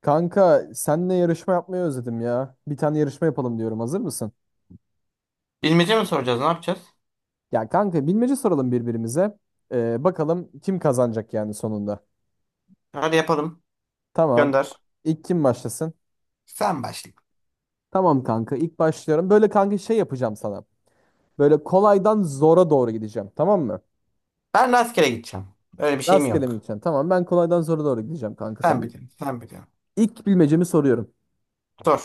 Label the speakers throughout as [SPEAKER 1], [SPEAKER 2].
[SPEAKER 1] Kanka senle yarışma yapmayı özledim ya. Bir tane yarışma yapalım diyorum. Hazır mısın?
[SPEAKER 2] Bilmece mi soracağız? Ne yapacağız?
[SPEAKER 1] Ya kanka bilmece soralım birbirimize. Bakalım kim kazanacak yani sonunda.
[SPEAKER 2] Hadi yapalım.
[SPEAKER 1] Tamam.
[SPEAKER 2] Gönder.
[SPEAKER 1] İlk kim başlasın?
[SPEAKER 2] Sen başla.
[SPEAKER 1] Tamam kanka ilk başlıyorum. Böyle kanka şey yapacağım sana. Böyle kolaydan zora doğru gideceğim. Tamam mı?
[SPEAKER 2] Ben rastgele gideceğim. Öyle bir şeyim
[SPEAKER 1] Rastgele mi
[SPEAKER 2] yok.
[SPEAKER 1] gideceksin? Tamam ben kolaydan zora doğru gideceğim kanka
[SPEAKER 2] Sen
[SPEAKER 1] sana.
[SPEAKER 2] biliyorsun. Sen biliyorsun.
[SPEAKER 1] İlk bilmecemi soruyorum.
[SPEAKER 2] Sor.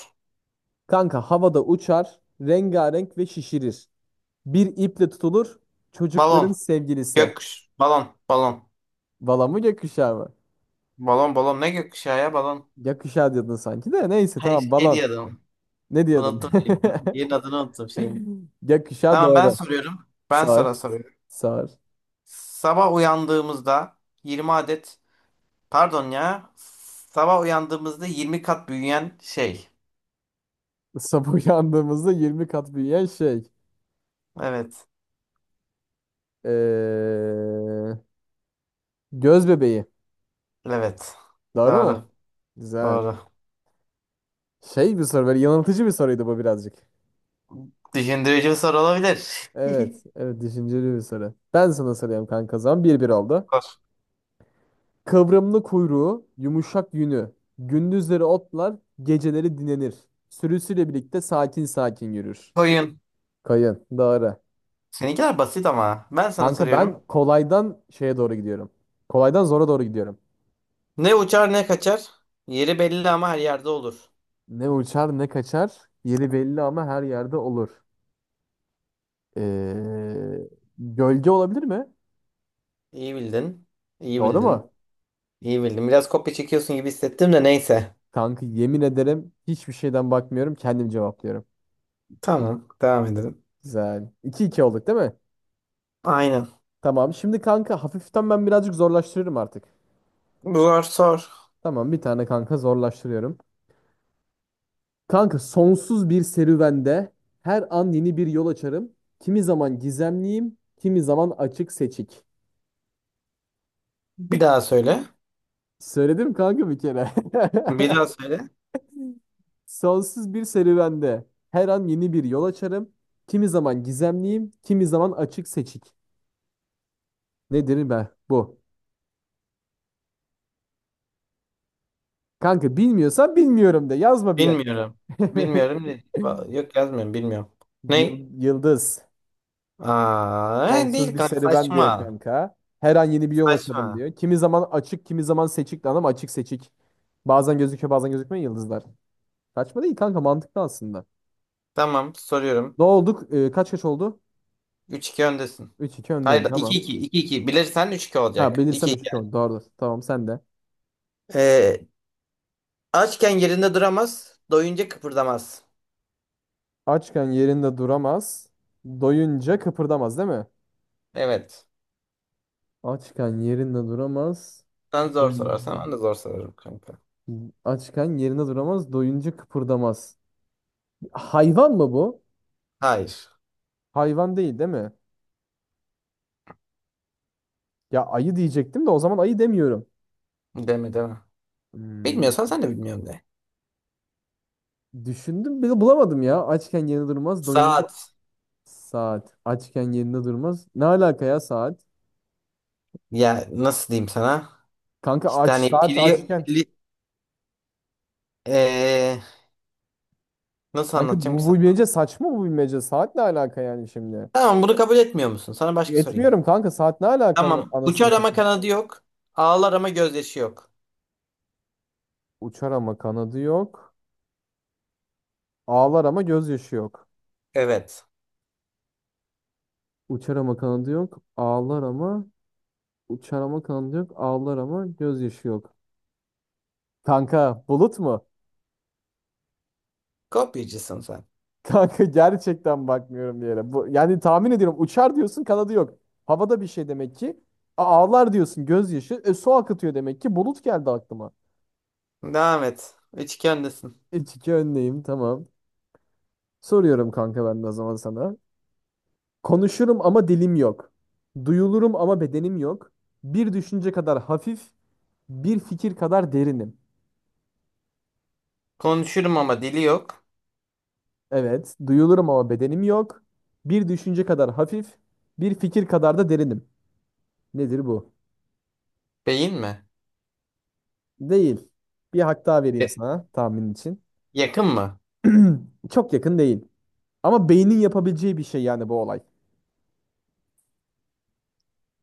[SPEAKER 1] Kanka havada uçar, rengarenk ve şişirir. Bir iple tutulur, çocukların
[SPEAKER 2] Balon.
[SPEAKER 1] sevgilisi.
[SPEAKER 2] Gökkuş. Balon. Balon.
[SPEAKER 1] Bala mı gökkuşağı mı?
[SPEAKER 2] Balon balon. Ne gökkuşağı ya balon?
[SPEAKER 1] Yakışa diyordun sanki de. Neyse tamam
[SPEAKER 2] Hayır şey diye
[SPEAKER 1] balon.
[SPEAKER 2] adam.
[SPEAKER 1] Ne diyordun?
[SPEAKER 2] Unuttum. Yerin adını unuttum şeyin.
[SPEAKER 1] Yakışa
[SPEAKER 2] Tamam ben
[SPEAKER 1] doğru.
[SPEAKER 2] soruyorum. Ben
[SPEAKER 1] sar
[SPEAKER 2] sana soruyorum.
[SPEAKER 1] sar
[SPEAKER 2] Sabah uyandığımızda 20 adet, pardon ya, sabah uyandığımızda 20 kat büyüyen şey.
[SPEAKER 1] Sabah yandığımızda yirmi kat büyüyen şey.
[SPEAKER 2] Evet.
[SPEAKER 1] Ee, Göz bebeği.
[SPEAKER 2] Evet.
[SPEAKER 1] Doğru
[SPEAKER 2] Doğru.
[SPEAKER 1] mu? Güzel.
[SPEAKER 2] Doğru.
[SPEAKER 1] Şey bir soru böyle yanıltıcı bir soruydu bu birazcık.
[SPEAKER 2] Düşündürücü bir soru olabilir.
[SPEAKER 1] Evet. Evet düşünceli bir soru. Ben sana soruyorum kanka o zaman. Bir 1 oldu.
[SPEAKER 2] Sor.
[SPEAKER 1] Kıvrımlı kuyruğu, yumuşak yünü. Gündüzleri otlar, geceleri dinlenir. Sürüsüyle birlikte sakin sakin yürür.
[SPEAKER 2] Koyun.
[SPEAKER 1] Kayın. Doğru.
[SPEAKER 2] Seninkiler basit ama. Ben sana
[SPEAKER 1] Kanka
[SPEAKER 2] soruyorum.
[SPEAKER 1] ben kolaydan şeye doğru gidiyorum. Kolaydan zora doğru gidiyorum.
[SPEAKER 2] Ne uçar ne kaçar. Yeri belli ama her yerde olur.
[SPEAKER 1] Ne uçar ne kaçar. Yeri belli ama her yerde olur. Ee, Gölge olabilir mi?
[SPEAKER 2] İyi bildin. İyi
[SPEAKER 1] Doğru mu?
[SPEAKER 2] bildin. İyi bildin. Biraz kopya çekiyorsun gibi hissettim de neyse.
[SPEAKER 1] Kanka yemin ederim hiçbir şeyden bakmıyorum. Kendim cevaplıyorum.
[SPEAKER 2] Tamam. Devam edelim.
[SPEAKER 1] Güzel. 2 iki olduk değil mi?
[SPEAKER 2] Aynen.
[SPEAKER 1] Tamam. Şimdi kanka hafiften ben birazcık zorlaştırırım artık.
[SPEAKER 2] Zor sor.
[SPEAKER 1] Tamam bir tane kanka zorlaştırıyorum. Kanka sonsuz bir serüvende her an yeni bir yol açarım. Kimi zaman gizemliyim, kimi zaman açık seçik.
[SPEAKER 2] Bir daha söyle.
[SPEAKER 1] Söyledim kanka bir kere.
[SPEAKER 2] Bir daha söyle.
[SPEAKER 1] Sonsuz bir serüvende her an yeni bir yol açarım. Kimi zaman gizemliyim, kimi zaman açık seçik. Nedir be bu? Kanka bilmiyorsan bilmiyorum de, yazma bir yerlere.
[SPEAKER 2] Bilmiyorum. Bilmiyorum. Ne? Va- Yok, yazmıyorum. Bilmiyorum. Ne?
[SPEAKER 1] Yıldız.
[SPEAKER 2] Aa,
[SPEAKER 1] Sonsuz
[SPEAKER 2] değil
[SPEAKER 1] bir
[SPEAKER 2] kanka.
[SPEAKER 1] serüven diyor
[SPEAKER 2] Saçma.
[SPEAKER 1] kanka. Her an yeni bir yol açalım
[SPEAKER 2] Saçma.
[SPEAKER 1] diyor. Kimi zaman açık, kimi zaman seçik lan, ama açık seçik. Bazen gözüküyor, bazen gözükmüyor yıldızlar. Kaçma değil kanka, mantıklı aslında.
[SPEAKER 2] Tamam. Soruyorum.
[SPEAKER 1] Ne olduk? Kaç kaç oldu?
[SPEAKER 2] Üç iki öndesin.
[SPEAKER 1] Üç iki
[SPEAKER 2] Hayır,
[SPEAKER 1] öndeyim,
[SPEAKER 2] iki
[SPEAKER 1] tamam.
[SPEAKER 2] iki iki. 2 bilirsen üç iki
[SPEAKER 1] Ha,
[SPEAKER 2] olacak. İki
[SPEAKER 1] bilirsem üç
[SPEAKER 2] iki.
[SPEAKER 1] iki
[SPEAKER 2] Yani.
[SPEAKER 1] oldu. Doğrudur. Tamam sen de.
[SPEAKER 2] Ee, Açken yerinde duramaz, doyunca kıpırdamaz.
[SPEAKER 1] Açken yerinde duramaz. Doyunca kıpırdamaz değil mi?
[SPEAKER 2] Evet.
[SPEAKER 1] Açken yerinde duramaz.
[SPEAKER 2] Sen zor sorarsan
[SPEAKER 1] Doyun...
[SPEAKER 2] ben de zor sorarım kanka.
[SPEAKER 1] Açken yerinde duramaz. Doyunca kıpırdamaz. Hayvan mı bu?
[SPEAKER 2] Hayır.
[SPEAKER 1] Hayvan değil değil mi? Ya ayı diyecektim de, o zaman ayı demiyorum.
[SPEAKER 2] Deme deme.
[SPEAKER 1] Hmm,
[SPEAKER 2] Bilmiyorsan sen de bilmiyorum de.
[SPEAKER 1] Düşündüm bile bulamadım ya. Açken yerinde durmaz, doyunca
[SPEAKER 2] Saat.
[SPEAKER 1] saat. Açken yerinde durmaz. Ne alaka ya saat?
[SPEAKER 2] Ya nasıl diyeyim sana?
[SPEAKER 1] Kanka
[SPEAKER 2] İşte
[SPEAKER 1] aç
[SPEAKER 2] hani
[SPEAKER 1] saat
[SPEAKER 2] pili,
[SPEAKER 1] açken.
[SPEAKER 2] pili ee, nasıl
[SPEAKER 1] Kanka
[SPEAKER 2] anlatacağım ki
[SPEAKER 1] bu
[SPEAKER 2] sana?
[SPEAKER 1] bilmece saçma bu bilmece. Saat ne alaka yani şimdi?
[SPEAKER 2] Tamam, bunu kabul etmiyor musun? Sana başka sorayım.
[SPEAKER 1] Etmiyorum kanka, saat ne alaka
[SPEAKER 2] Tamam.
[SPEAKER 1] anasını
[SPEAKER 2] Uçar ama
[SPEAKER 1] satayım.
[SPEAKER 2] kanadı yok. Ağlar ama gözyaşı yok.
[SPEAKER 1] Uçar ama kanadı yok. Ağlar ama gözyaşı yok.
[SPEAKER 2] Evet.
[SPEAKER 1] Uçar ama kanadı yok. Ağlar ama uçar ama kanadı yok. Ağlar ama gözyaşı yok. Kanka bulut mu?
[SPEAKER 2] Kopyacısın sen.
[SPEAKER 1] Kanka gerçekten bakmıyorum bir yere. Bu, yani tahmin ediyorum, uçar diyorsun kanadı yok. Havada bir şey demek ki. Ağlar diyorsun gözyaşı. E, su akıtıyor demek ki. Bulut geldi aklıma.
[SPEAKER 2] Devam et. Üçgendesin.
[SPEAKER 1] İlk iki önleyim tamam. Soruyorum kanka ben de o zaman sana. Konuşurum ama dilim yok. Duyulurum ama bedenim yok. Bir düşünce kadar hafif, bir fikir kadar derinim.
[SPEAKER 2] Konuşurum ama dili yok.
[SPEAKER 1] Evet, duyulurum ama bedenim yok. Bir düşünce kadar hafif, bir fikir kadar da derinim. Nedir bu?
[SPEAKER 2] Beyin mi?
[SPEAKER 1] Değil. Bir hak daha
[SPEAKER 2] E,
[SPEAKER 1] vereyim sana tahmin için.
[SPEAKER 2] Yakın mı?
[SPEAKER 1] Çok yakın değil. Ama beynin yapabileceği bir şey yani bu olay.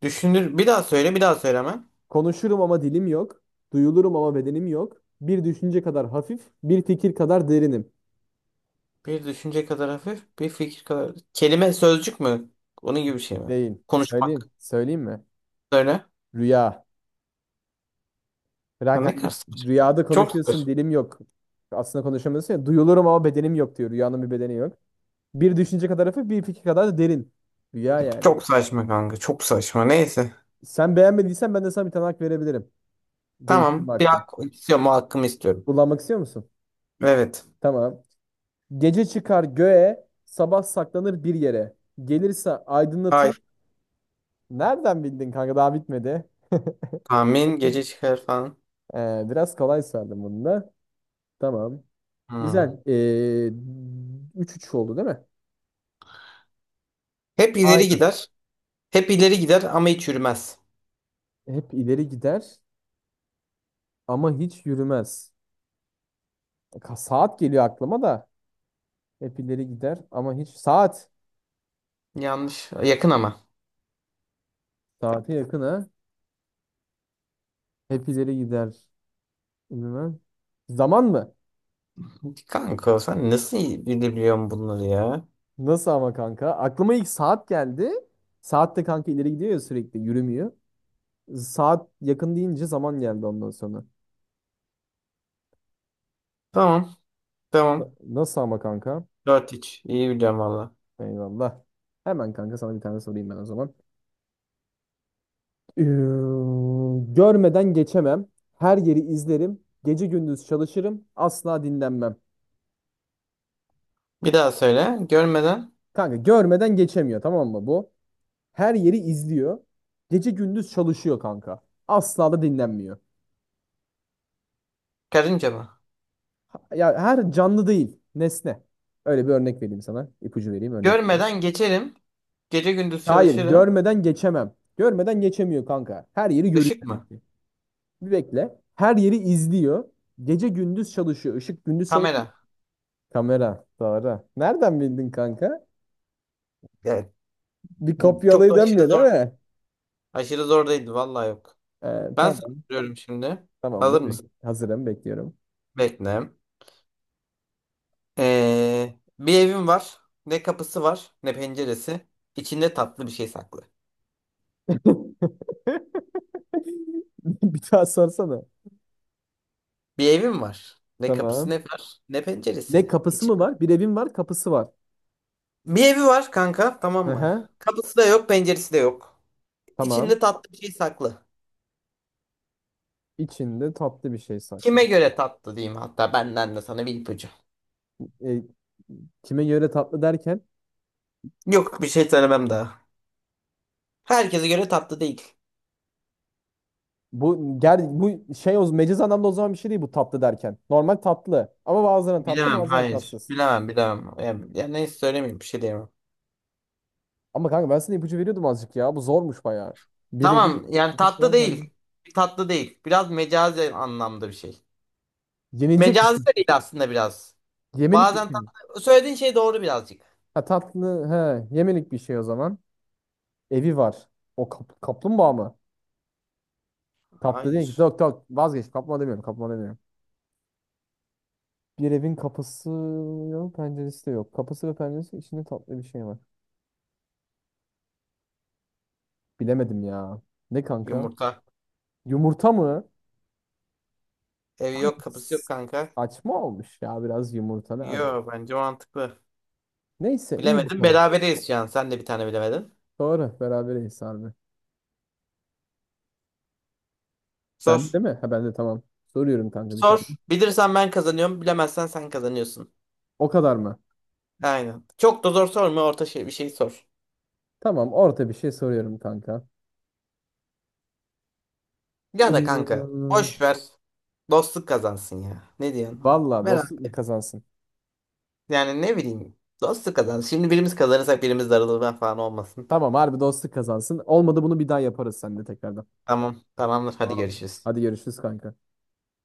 [SPEAKER 2] Düşünür. Bir daha söyle, bir daha söyle hemen.
[SPEAKER 1] Konuşurum ama dilim yok. Duyulurum ama bedenim yok. Bir düşünce kadar hafif, bir fikir kadar derinim.
[SPEAKER 2] Bir düşünce kadar hafif, bir fikir kadar. Kelime, sözcük mü? Onun gibi bir şey mi?
[SPEAKER 1] Değil.
[SPEAKER 2] Konuşmak.
[SPEAKER 1] Söyleyeyim. Söyleyeyim mi?
[SPEAKER 2] Söyle.
[SPEAKER 1] Rüya.
[SPEAKER 2] Ya
[SPEAKER 1] Frank
[SPEAKER 2] ne kadar
[SPEAKER 1] hangi
[SPEAKER 2] saçma.
[SPEAKER 1] rüyada
[SPEAKER 2] Çok
[SPEAKER 1] konuşuyorsun,
[SPEAKER 2] saçma.
[SPEAKER 1] dilim yok. Aslında konuşamıyorsun ya. Duyulurum ama bedenim yok diyor. Rüyanın bir bedeni yok. Bir düşünce kadar hafif, bir fikir kadar da derin. Rüya yani.
[SPEAKER 2] Çok saçma kanka. Çok saçma. Neyse.
[SPEAKER 1] Sen beğenmediysen ben de sana bir tane hak verebilirim. Değiştirme
[SPEAKER 2] Tamam. Bir
[SPEAKER 1] hakkı.
[SPEAKER 2] hak istiyorum. O hakkımı istiyorum.
[SPEAKER 1] Kullanmak istiyor musun?
[SPEAKER 2] Evet.
[SPEAKER 1] Tamam. Gece çıkar göğe, sabah saklanır bir yere. Gelirse
[SPEAKER 2] Ay.
[SPEAKER 1] aydınlatır. Nereden bildin kanka? Daha bitmedi.
[SPEAKER 2] Tahmin. Gece çıkar falan.
[SPEAKER 1] Biraz kolay sardım bunu da. Tamam.
[SPEAKER 2] Hmm.
[SPEAKER 1] Güzel. 3-3 oldu değil mi?
[SPEAKER 2] Hep ileri
[SPEAKER 1] Aynen.
[SPEAKER 2] gider. Hep ileri gider ama hiç yürümez.
[SPEAKER 1] Hep ileri gider ama hiç yürümez. Saat geliyor aklıma da. Hep ileri gider ama hiç... Saat.
[SPEAKER 2] Yanlış. Yakın ama.
[SPEAKER 1] Saate yakın ha. Hep ileri gider. Yürümez. Zaman mı?
[SPEAKER 2] Kanka sen nasıl iyi bilebiliyorsun bunları ya?
[SPEAKER 1] Nasıl ama kanka? Aklıma ilk saat geldi. Saat de kanka ileri gidiyor ya, sürekli yürümüyor. Saat yakın deyince zaman geldi ondan sonra.
[SPEAKER 2] Tamam. Tamam.
[SPEAKER 1] Nasıl ama kanka?
[SPEAKER 2] Dört iç, İyi biliyorum valla.
[SPEAKER 1] Eyvallah. Hemen kanka sana bir tane sorayım ben o zaman. Ee, Görmeden geçemem. Her yeri izlerim. Gece gündüz çalışırım. Asla dinlenmem.
[SPEAKER 2] Bir daha söyle. Görmeden.
[SPEAKER 1] Kanka görmeden geçemiyor, tamam mı bu? Her yeri izliyor. Gece gündüz çalışıyor kanka. Asla da dinlenmiyor.
[SPEAKER 2] Karınca mı?
[SPEAKER 1] Ya her canlı değil, nesne. Öyle bir örnek vereyim sana. İpucu vereyim, örnek vereyim.
[SPEAKER 2] Görmeden geçerim. Gece gündüz
[SPEAKER 1] Hayır,
[SPEAKER 2] çalışırım.
[SPEAKER 1] görmeden geçemem. Görmeden geçemiyor kanka. Her yeri görüyor
[SPEAKER 2] Işık
[SPEAKER 1] demek
[SPEAKER 2] mı?
[SPEAKER 1] ki. Bir bekle. Her yeri izliyor. Gece gündüz çalışıyor. Işık gündüz çalışıyor.
[SPEAKER 2] Kamera.
[SPEAKER 1] Kamera. Doğru. Nereden bildin kanka?
[SPEAKER 2] Evet.
[SPEAKER 1] Bir
[SPEAKER 2] Çok
[SPEAKER 1] kopyalayı
[SPEAKER 2] da aşırı
[SPEAKER 1] dönmüyor değil
[SPEAKER 2] zor.
[SPEAKER 1] mi?
[SPEAKER 2] Aşırı zor değildi. Valla yok. Ben sana
[SPEAKER 1] Tamam.
[SPEAKER 2] soruyorum şimdi.
[SPEAKER 1] Tamamdır.
[SPEAKER 2] Hazır mısın?
[SPEAKER 1] Hazırım. Bekliyorum.
[SPEAKER 2] Bekle. Bir evim var. Ne kapısı var ne penceresi. İçinde tatlı bir şey saklı.
[SPEAKER 1] Bir daha sorsana.
[SPEAKER 2] Bir evim var. Ne kapısı ne
[SPEAKER 1] Tamam.
[SPEAKER 2] var ne
[SPEAKER 1] Ne
[SPEAKER 2] penceresi.
[SPEAKER 1] kapısı mı
[SPEAKER 2] İçinde
[SPEAKER 1] var? Bir evim var, kapısı var.
[SPEAKER 2] bir evi var kanka, tamam mı?
[SPEAKER 1] Aha,
[SPEAKER 2] Kapısı da yok, penceresi de yok.
[SPEAKER 1] tamam.
[SPEAKER 2] İçinde tatlı bir şey saklı.
[SPEAKER 1] İçinde tatlı bir şey saklı.
[SPEAKER 2] Kime göre tatlı diyeyim, hatta benden de sana bir ipucu.
[SPEAKER 1] E, kime göre tatlı derken
[SPEAKER 2] Yok, bir şey söylemem daha. Herkese göre tatlı değil.
[SPEAKER 1] bu bu şey o meciz anlamda, o zaman bir şey değil bu tatlı derken. Normal tatlı. Ama bazılarına tatlı,
[SPEAKER 2] Bilemem
[SPEAKER 1] bazılarına
[SPEAKER 2] hayır.
[SPEAKER 1] tatsız.
[SPEAKER 2] Bilemem bilemem. Yani, yani neyse söylemeyeyim, bir şey diyemem.
[SPEAKER 1] Ama kanka ben sana ipucu veriyordum azıcık ya. Bu zormuş bayağı. Birebir.
[SPEAKER 2] Tamam yani
[SPEAKER 1] Bu nasıl
[SPEAKER 2] tatlı
[SPEAKER 1] lan
[SPEAKER 2] değil. Tatlı değil. Biraz mecazi anlamda bir şey.
[SPEAKER 1] Yenilecek bir
[SPEAKER 2] Mecazi
[SPEAKER 1] şey.
[SPEAKER 2] de değil aslında biraz.
[SPEAKER 1] Yemelik bir
[SPEAKER 2] Bazen
[SPEAKER 1] şey mi?
[SPEAKER 2] tatlı. Söylediğin şey doğru birazcık.
[SPEAKER 1] Ha tatlı, he yemelik bir şey o zaman. Evi var. Kaplumbağa mı? Kaplı değil ki.
[SPEAKER 2] Hayır.
[SPEAKER 1] Dök dök vazgeç. Kaplumbağa demiyorum. Kaplumbağa demiyorum. Bir evin kapısı yok, penceresi de yok. Kapısı ve penceresi içinde tatlı bir şey var. Bilemedim ya. Ne kanka?
[SPEAKER 2] Yumurta.
[SPEAKER 1] Yumurta mı?
[SPEAKER 2] Evi
[SPEAKER 1] Kanka,
[SPEAKER 2] yok kapısı yok
[SPEAKER 1] s-
[SPEAKER 2] kanka.
[SPEAKER 1] Saçma olmuş ya biraz, yumurta nereden?
[SPEAKER 2] Yok, bence mantıklı.
[SPEAKER 1] Neyse iyi
[SPEAKER 2] Bilemedim.
[SPEAKER 1] bakalım.
[SPEAKER 2] Berabereyiz şu an. Sen de bir tane bilemedin.
[SPEAKER 1] Doğru berabereyiz harbi.
[SPEAKER 2] Sor.
[SPEAKER 1] Bende değil mi? Ha bende, tamam. Soruyorum kanka bir tane.
[SPEAKER 2] Sor. Bilirsen ben kazanıyorum. Bilemezsen sen kazanıyorsun.
[SPEAKER 1] O kadar mı?
[SPEAKER 2] Aynen. Çok da zor sorma. Orta şey, bir şey sor.
[SPEAKER 1] Tamam orta bir şey soruyorum kanka.
[SPEAKER 2] Ya da kanka.
[SPEAKER 1] Iıı,
[SPEAKER 2] Boş ver. Dostluk kazansın ya. Ne diyorsun?
[SPEAKER 1] Valla
[SPEAKER 2] Beraber.
[SPEAKER 1] dostluk kazansın.
[SPEAKER 2] Yani ne bileyim. Dostluk kazansın. Şimdi birimiz kazanırsak birimiz darılır falan olmasın.
[SPEAKER 1] Tamam harbi dostluk kazansın. Olmadı bunu bir daha yaparız seninle tekrardan.
[SPEAKER 2] Tamam. Tamamdır. Hadi
[SPEAKER 1] Tamam.
[SPEAKER 2] görüşürüz.
[SPEAKER 1] Hadi görüşürüz kanka.